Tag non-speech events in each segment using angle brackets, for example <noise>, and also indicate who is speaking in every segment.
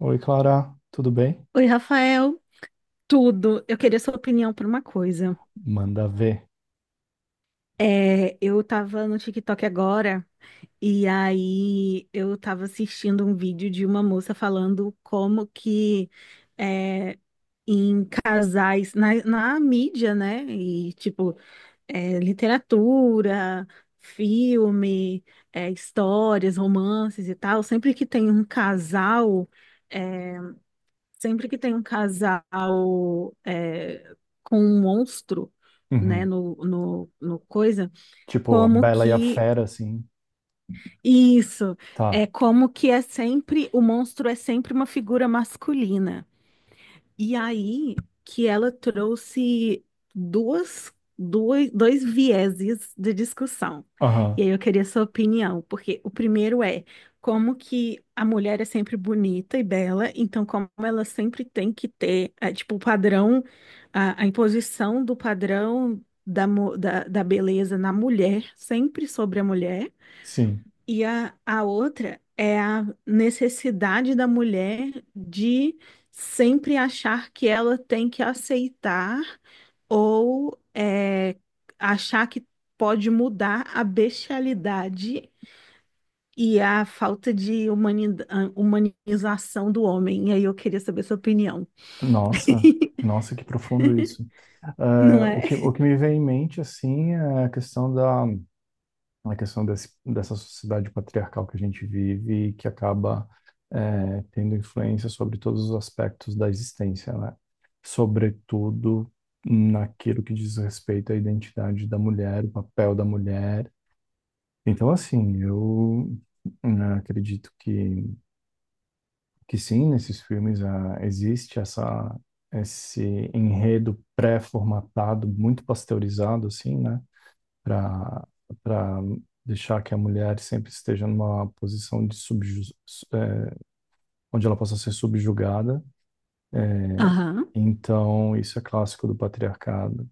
Speaker 1: Oi, Clara, tudo bem?
Speaker 2: Oi, Rafael, tudo. Eu queria sua opinião por uma coisa.
Speaker 1: Manda ver.
Speaker 2: Eu tava no TikTok agora e aí eu tava assistindo um vídeo de uma moça falando como que é, em casais, na mídia, né? E tipo, literatura, filme, histórias, romances e tal, sempre que tem um casal. é, Sempre que tem um casal com um monstro, né,
Speaker 1: Uhum.
Speaker 2: no coisa,
Speaker 1: Tipo, a
Speaker 2: como
Speaker 1: Bela e a
Speaker 2: que
Speaker 1: Fera, assim.
Speaker 2: isso
Speaker 1: Tá.
Speaker 2: como que é sempre o monstro, é sempre uma figura masculina. E aí que ela trouxe duas, dois vieses de discussão.
Speaker 1: Aham,
Speaker 2: E aí eu queria sua opinião, porque o primeiro é como que a mulher é sempre bonita e bela, então como ela sempre tem que ter, tipo, o padrão, a imposição do padrão da da beleza na mulher, sempre sobre a mulher.
Speaker 1: sim.
Speaker 2: E a outra é a necessidade da mulher de sempre achar que ela tem que aceitar ou é, achar que pode mudar a bestialidade e a falta de humanização do homem. E aí eu queria saber sua opinião,
Speaker 1: Nossa, nossa, que profundo isso. É,
Speaker 2: não
Speaker 1: o
Speaker 2: é?
Speaker 1: que, o que me vem em mente, assim, é a questão da, a questão desse, dessa sociedade patriarcal que a gente vive e que acaba, tendo influência sobre todos os aspectos da existência, né? Sobretudo naquilo que diz respeito à identidade da mulher, o papel da mulher. Então, assim, eu, né, acredito que sim, nesses filmes existe essa, esse enredo pré-formatado, muito pasteurizado, assim, né? Para para deixar que a mulher sempre esteja numa posição de onde ela possa ser subjugada.
Speaker 2: Aham.
Speaker 1: Então, isso é clássico do patriarcado.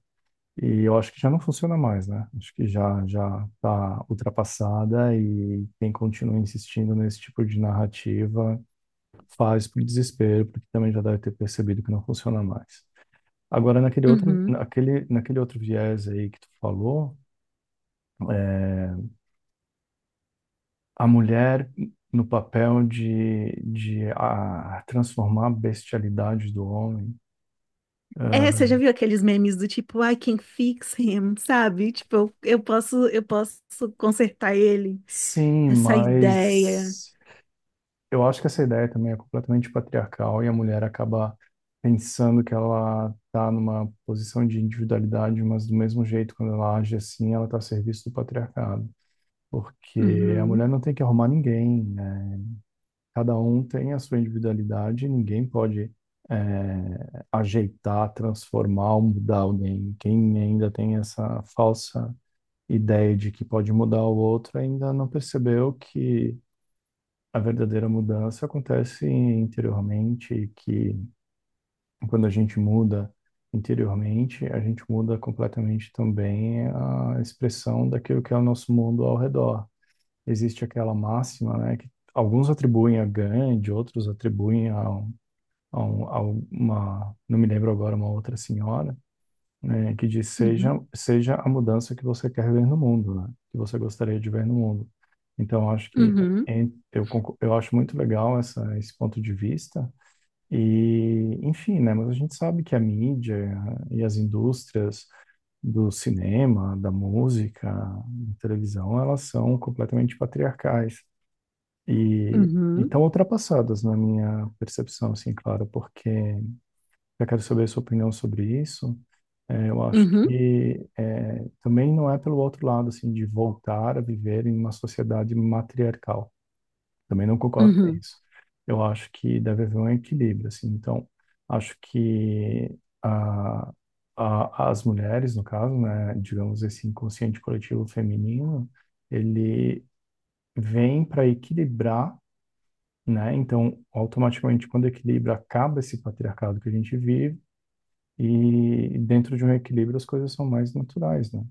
Speaker 1: E eu acho que já não funciona mais, né? Acho que já está ultrapassada e quem continua insistindo nesse tipo de narrativa faz por desespero, porque também já deve ter percebido que não funciona mais. Agora, naquele outro,
Speaker 2: Uhum.
Speaker 1: naquele outro viés aí que tu falou, a mulher no papel de, de transformar a bestialidade do homem.
Speaker 2: É, você
Speaker 1: Ah,
Speaker 2: já viu aqueles memes do tipo, I can fix him, sabe? Tipo, eu posso, eu posso consertar ele.
Speaker 1: sim,
Speaker 2: Essa ideia.
Speaker 1: mas eu acho que essa ideia também é completamente patriarcal e a mulher acaba pensando que ela está numa posição de individualidade, mas do mesmo jeito, quando ela age assim, ela está a serviço do patriarcado. Porque a
Speaker 2: Uhum,
Speaker 1: mulher não tem que arrumar ninguém, né? Cada um tem a sua individualidade, ninguém pode, é, ajeitar, transformar ou mudar alguém. Quem ainda tem essa falsa ideia de que pode mudar o outro ainda não percebeu que a verdadeira mudança acontece interiormente, e que quando a gente muda interiormente, a gente muda completamente também a expressão daquilo que é o nosso mundo ao redor. Existe aquela máxima, né, que alguns atribuem a Gandhi, outros atribuem a, a, um- a uma, não me lembro agora, uma outra senhora, né, que diz seja,
Speaker 2: uhum,
Speaker 1: a mudança que você quer ver no mundo, né, que você gostaria de ver no mundo. Então, eu acho que
Speaker 2: uhum,
Speaker 1: eu acho muito legal essa, esse ponto de vista. E, enfim, né, mas a gente sabe que a mídia e as indústrias do cinema, da música, da televisão, elas são completamente patriarcais. E
Speaker 2: uhum,
Speaker 1: estão ultrapassadas na minha percepção, assim, claro, porque eu quero saber a sua opinião sobre isso. É, eu acho
Speaker 2: uhum,
Speaker 1: que é, também não é pelo outro lado, assim, de voltar a viver em uma sociedade matriarcal. Também não concordo com
Speaker 2: uhum,
Speaker 1: isso. Eu acho que deve haver um equilíbrio, assim. Então, acho que a, as mulheres, no caso, né, digamos esse inconsciente coletivo feminino, ele vem para equilibrar, né? Então, automaticamente, quando o equilíbrio acaba esse patriarcado que a gente vive, e dentro de um equilíbrio as coisas são mais naturais, né?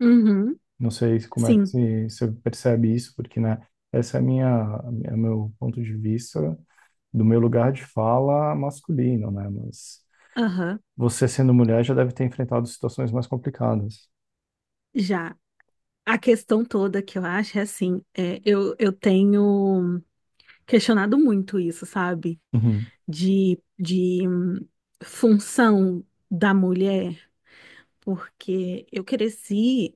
Speaker 2: uhum.
Speaker 1: Não sei como é que
Speaker 2: Sim,
Speaker 1: se- você percebe isso, porque, né, essa é a minha, é meu ponto de vista do meu lugar de fala masculino, né? Mas
Speaker 2: aham,
Speaker 1: você sendo mulher já deve ter enfrentado situações mais complicadas.
Speaker 2: já. A questão toda que eu acho é assim, é, eu tenho questionado muito isso, sabe?
Speaker 1: Uhum,
Speaker 2: De função da mulher, porque eu cresci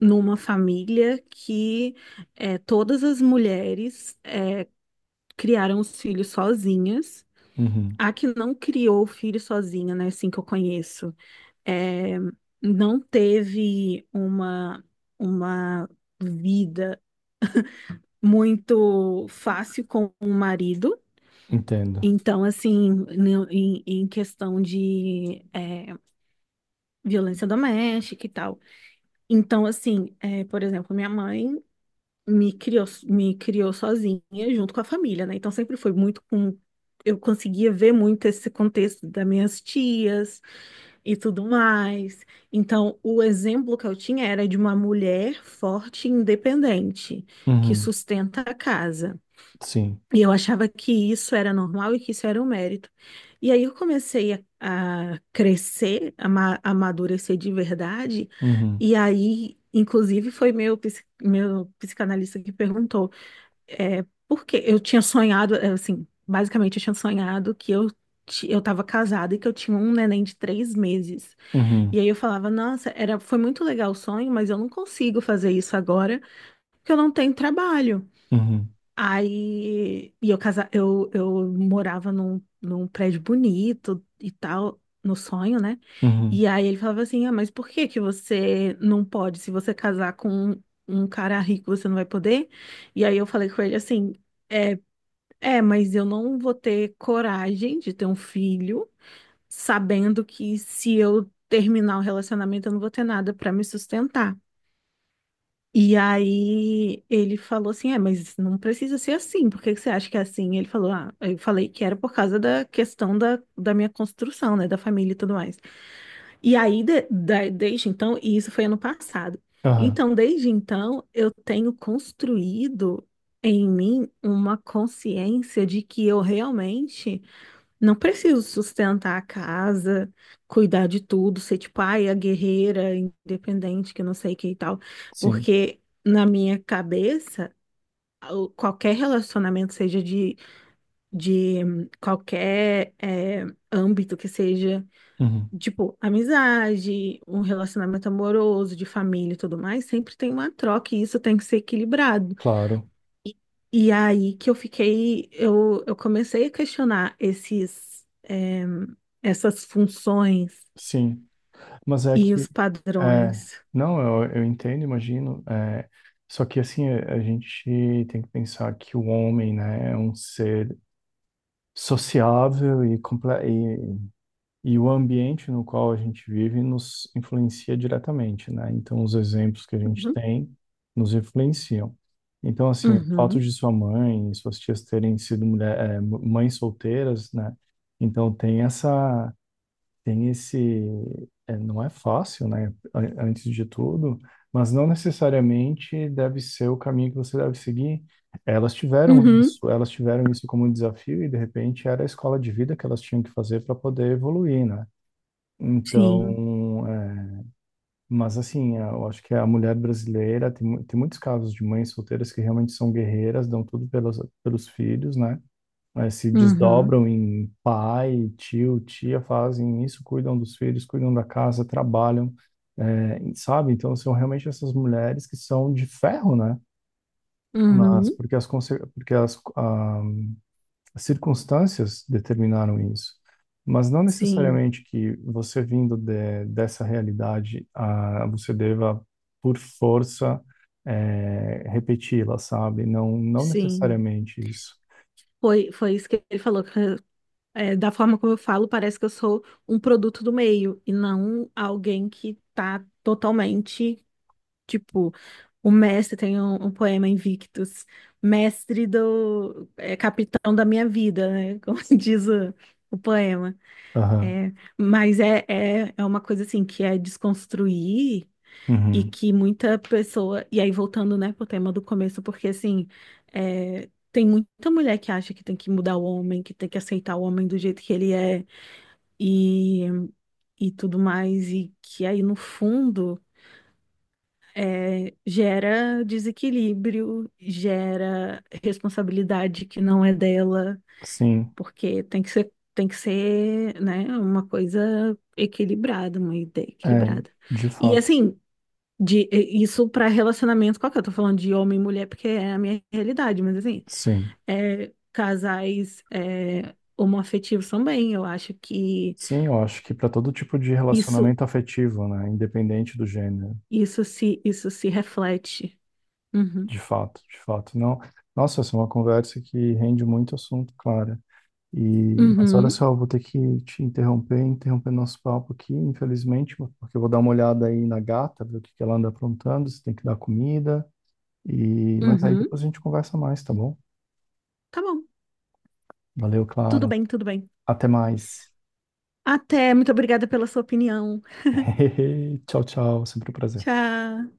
Speaker 2: numa família que é, todas as mulheres criaram os filhos sozinhas.
Speaker 1: uhum,
Speaker 2: A que não criou o filho sozinha, né? Assim que eu conheço. É, não teve uma vida muito fácil com o marido.
Speaker 1: entendo.
Speaker 2: Então, assim, em questão de violência doméstica e tal. Então, assim, é, por exemplo, minha mãe me criou sozinha junto com a família, né? Então, sempre foi muito com. Eu conseguia ver muito esse contexto das minhas tias e tudo mais. Então, o exemplo que eu tinha era de uma mulher forte e independente, que
Speaker 1: Uhum,
Speaker 2: sustenta a casa.
Speaker 1: sim.
Speaker 2: E eu achava que isso era normal e que isso era um mérito. E aí eu comecei a crescer, a amadurecer de verdade.
Speaker 1: Uhum,
Speaker 2: E aí, inclusive, foi meu psicanalista que perguntou, é, por que eu tinha sonhado, é, assim, basicamente eu tinha sonhado que eu estava casada e que eu tinha um neném de 3 meses.
Speaker 1: uhum,
Speaker 2: E aí eu falava, nossa, foi muito legal o sonho, mas eu não consigo fazer isso agora, porque eu não tenho trabalho.
Speaker 1: uhum,
Speaker 2: Aí, e eu morava num prédio bonito e tal, no sonho, né?
Speaker 1: uhum,
Speaker 2: E aí ele falava assim, ah, mas por que que você não pode? Se você casar com um cara rico, você não vai poder? E aí eu falei com ele assim, é, mas eu não vou ter coragem de ter um filho sabendo que se eu terminar o relacionamento, eu não vou ter nada para me sustentar. E aí ele falou assim: é, mas não precisa ser assim, por que que você acha que é assim? Ele falou: ah, eu falei que era por causa da questão da minha construção, né, da família e tudo mais. E aí, desde então, e isso foi ano passado.
Speaker 1: aham,
Speaker 2: Então, desde então, eu tenho construído em mim uma consciência de que eu realmente não preciso sustentar a casa, cuidar de tudo, ser tipo, ai, a guerreira, independente, que não sei o que e tal.
Speaker 1: sim.
Speaker 2: Porque na minha cabeça, o- qualquer relacionamento, seja de qualquer âmbito que seja,
Speaker 1: Uhum,
Speaker 2: tipo, amizade, um relacionamento amoroso, de família e tudo mais, sempre tem uma troca e isso tem que ser equilibrado.
Speaker 1: claro,
Speaker 2: E aí que eu fiquei, eu comecei a questionar esses, essas funções
Speaker 1: sim. Mas é
Speaker 2: e os
Speaker 1: que, é,
Speaker 2: padrões.
Speaker 1: não, eu entendo, imagino. Só que assim, a gente tem que pensar que o homem, né, é um ser sociável e, e o ambiente no qual a gente vive nos influencia diretamente, né? Então, os exemplos que a gente
Speaker 2: Uhum,
Speaker 1: tem nos influenciam. Então, assim, o fato
Speaker 2: uhum,
Speaker 1: de sua mãe e suas tias terem sido mães solteiras, né? Então, tem essa, tem esse. Não é fácil, né? Antes de tudo, mas não necessariamente deve ser o caminho que você deve seguir.
Speaker 2: uhum,
Speaker 1: Elas tiveram isso como desafio e de repente era a escola de vida que elas tinham que fazer para poder evoluir, né?
Speaker 2: sim,
Speaker 1: Então, é, mas assim, é, eu acho que a mulher brasileira tem, tem muitos casos de mães solteiras que realmente são guerreiras, dão tudo pelas, pelos filhos, né? Né, se
Speaker 2: uhum,
Speaker 1: desdobram em pai, tio, tia, fazem isso, cuidam dos filhos, cuidam da casa, trabalham, é, sabe? Então são realmente essas mulheres que são de ferro, né? Mas
Speaker 2: uhum,
Speaker 1: porque porque as, ah, as circunstâncias determinaram isso. Mas não
Speaker 2: sim,
Speaker 1: necessariamente que você vindo de, dessa realidade, ah, você deva, por força, repeti-la, sabe? Não, não
Speaker 2: sim.
Speaker 1: necessariamente isso.
Speaker 2: Foi isso que ele falou, que, da forma como eu falo, parece que eu sou um produto do meio e não alguém que está totalmente. Tipo, o mestre tem um poema Invictus, mestre do, é, capitão da minha vida, né? <laughs> Como diz o poema.
Speaker 1: Aham.
Speaker 2: É, mas é uma coisa assim que é desconstruir e
Speaker 1: Uhum.
Speaker 2: que muita pessoa. E aí, voltando, né, pro tema do começo, porque assim, é, tem muita mulher que acha que tem que mudar o homem, que tem que aceitar o homem do jeito que ele é e, e tudo mais, e que aí, no fundo gera desequilíbrio, gera responsabilidade que não é dela,
Speaker 1: Sim.
Speaker 2: porque tem que ser, né, uma coisa equilibrada, uma ideia
Speaker 1: É,
Speaker 2: equilibrada.
Speaker 1: de
Speaker 2: E
Speaker 1: fato,
Speaker 2: assim, isso para relacionamento qualquer, eu tô falando de homem e mulher porque é a minha realidade, mas assim,
Speaker 1: sim.
Speaker 2: é, homoafetivos também, eu acho que
Speaker 1: Sim, eu acho que para todo tipo de
Speaker 2: isso,
Speaker 1: relacionamento afetivo, né, independente do gênero,
Speaker 2: isso se reflete. Uhum.
Speaker 1: de fato, não. Nossa, essa é uma conversa que rende muito assunto, Clara. E, mas olha
Speaker 2: Uhum.
Speaker 1: só, eu vou ter que te interromper, interromper nosso papo aqui, infelizmente, porque eu vou dar uma olhada aí na gata, ver o que que ela anda aprontando, se tem que dar comida. E, mas aí
Speaker 2: Uhum.
Speaker 1: depois a gente conversa mais, tá bom?
Speaker 2: Tá bom.
Speaker 1: Valeu,
Speaker 2: Tudo
Speaker 1: Clara.
Speaker 2: bem, tudo bem.
Speaker 1: Até mais.
Speaker 2: Até, muito obrigada pela sua opinião.
Speaker 1: <laughs> Tchau, tchau. Sempre um prazer.
Speaker 2: Tchau.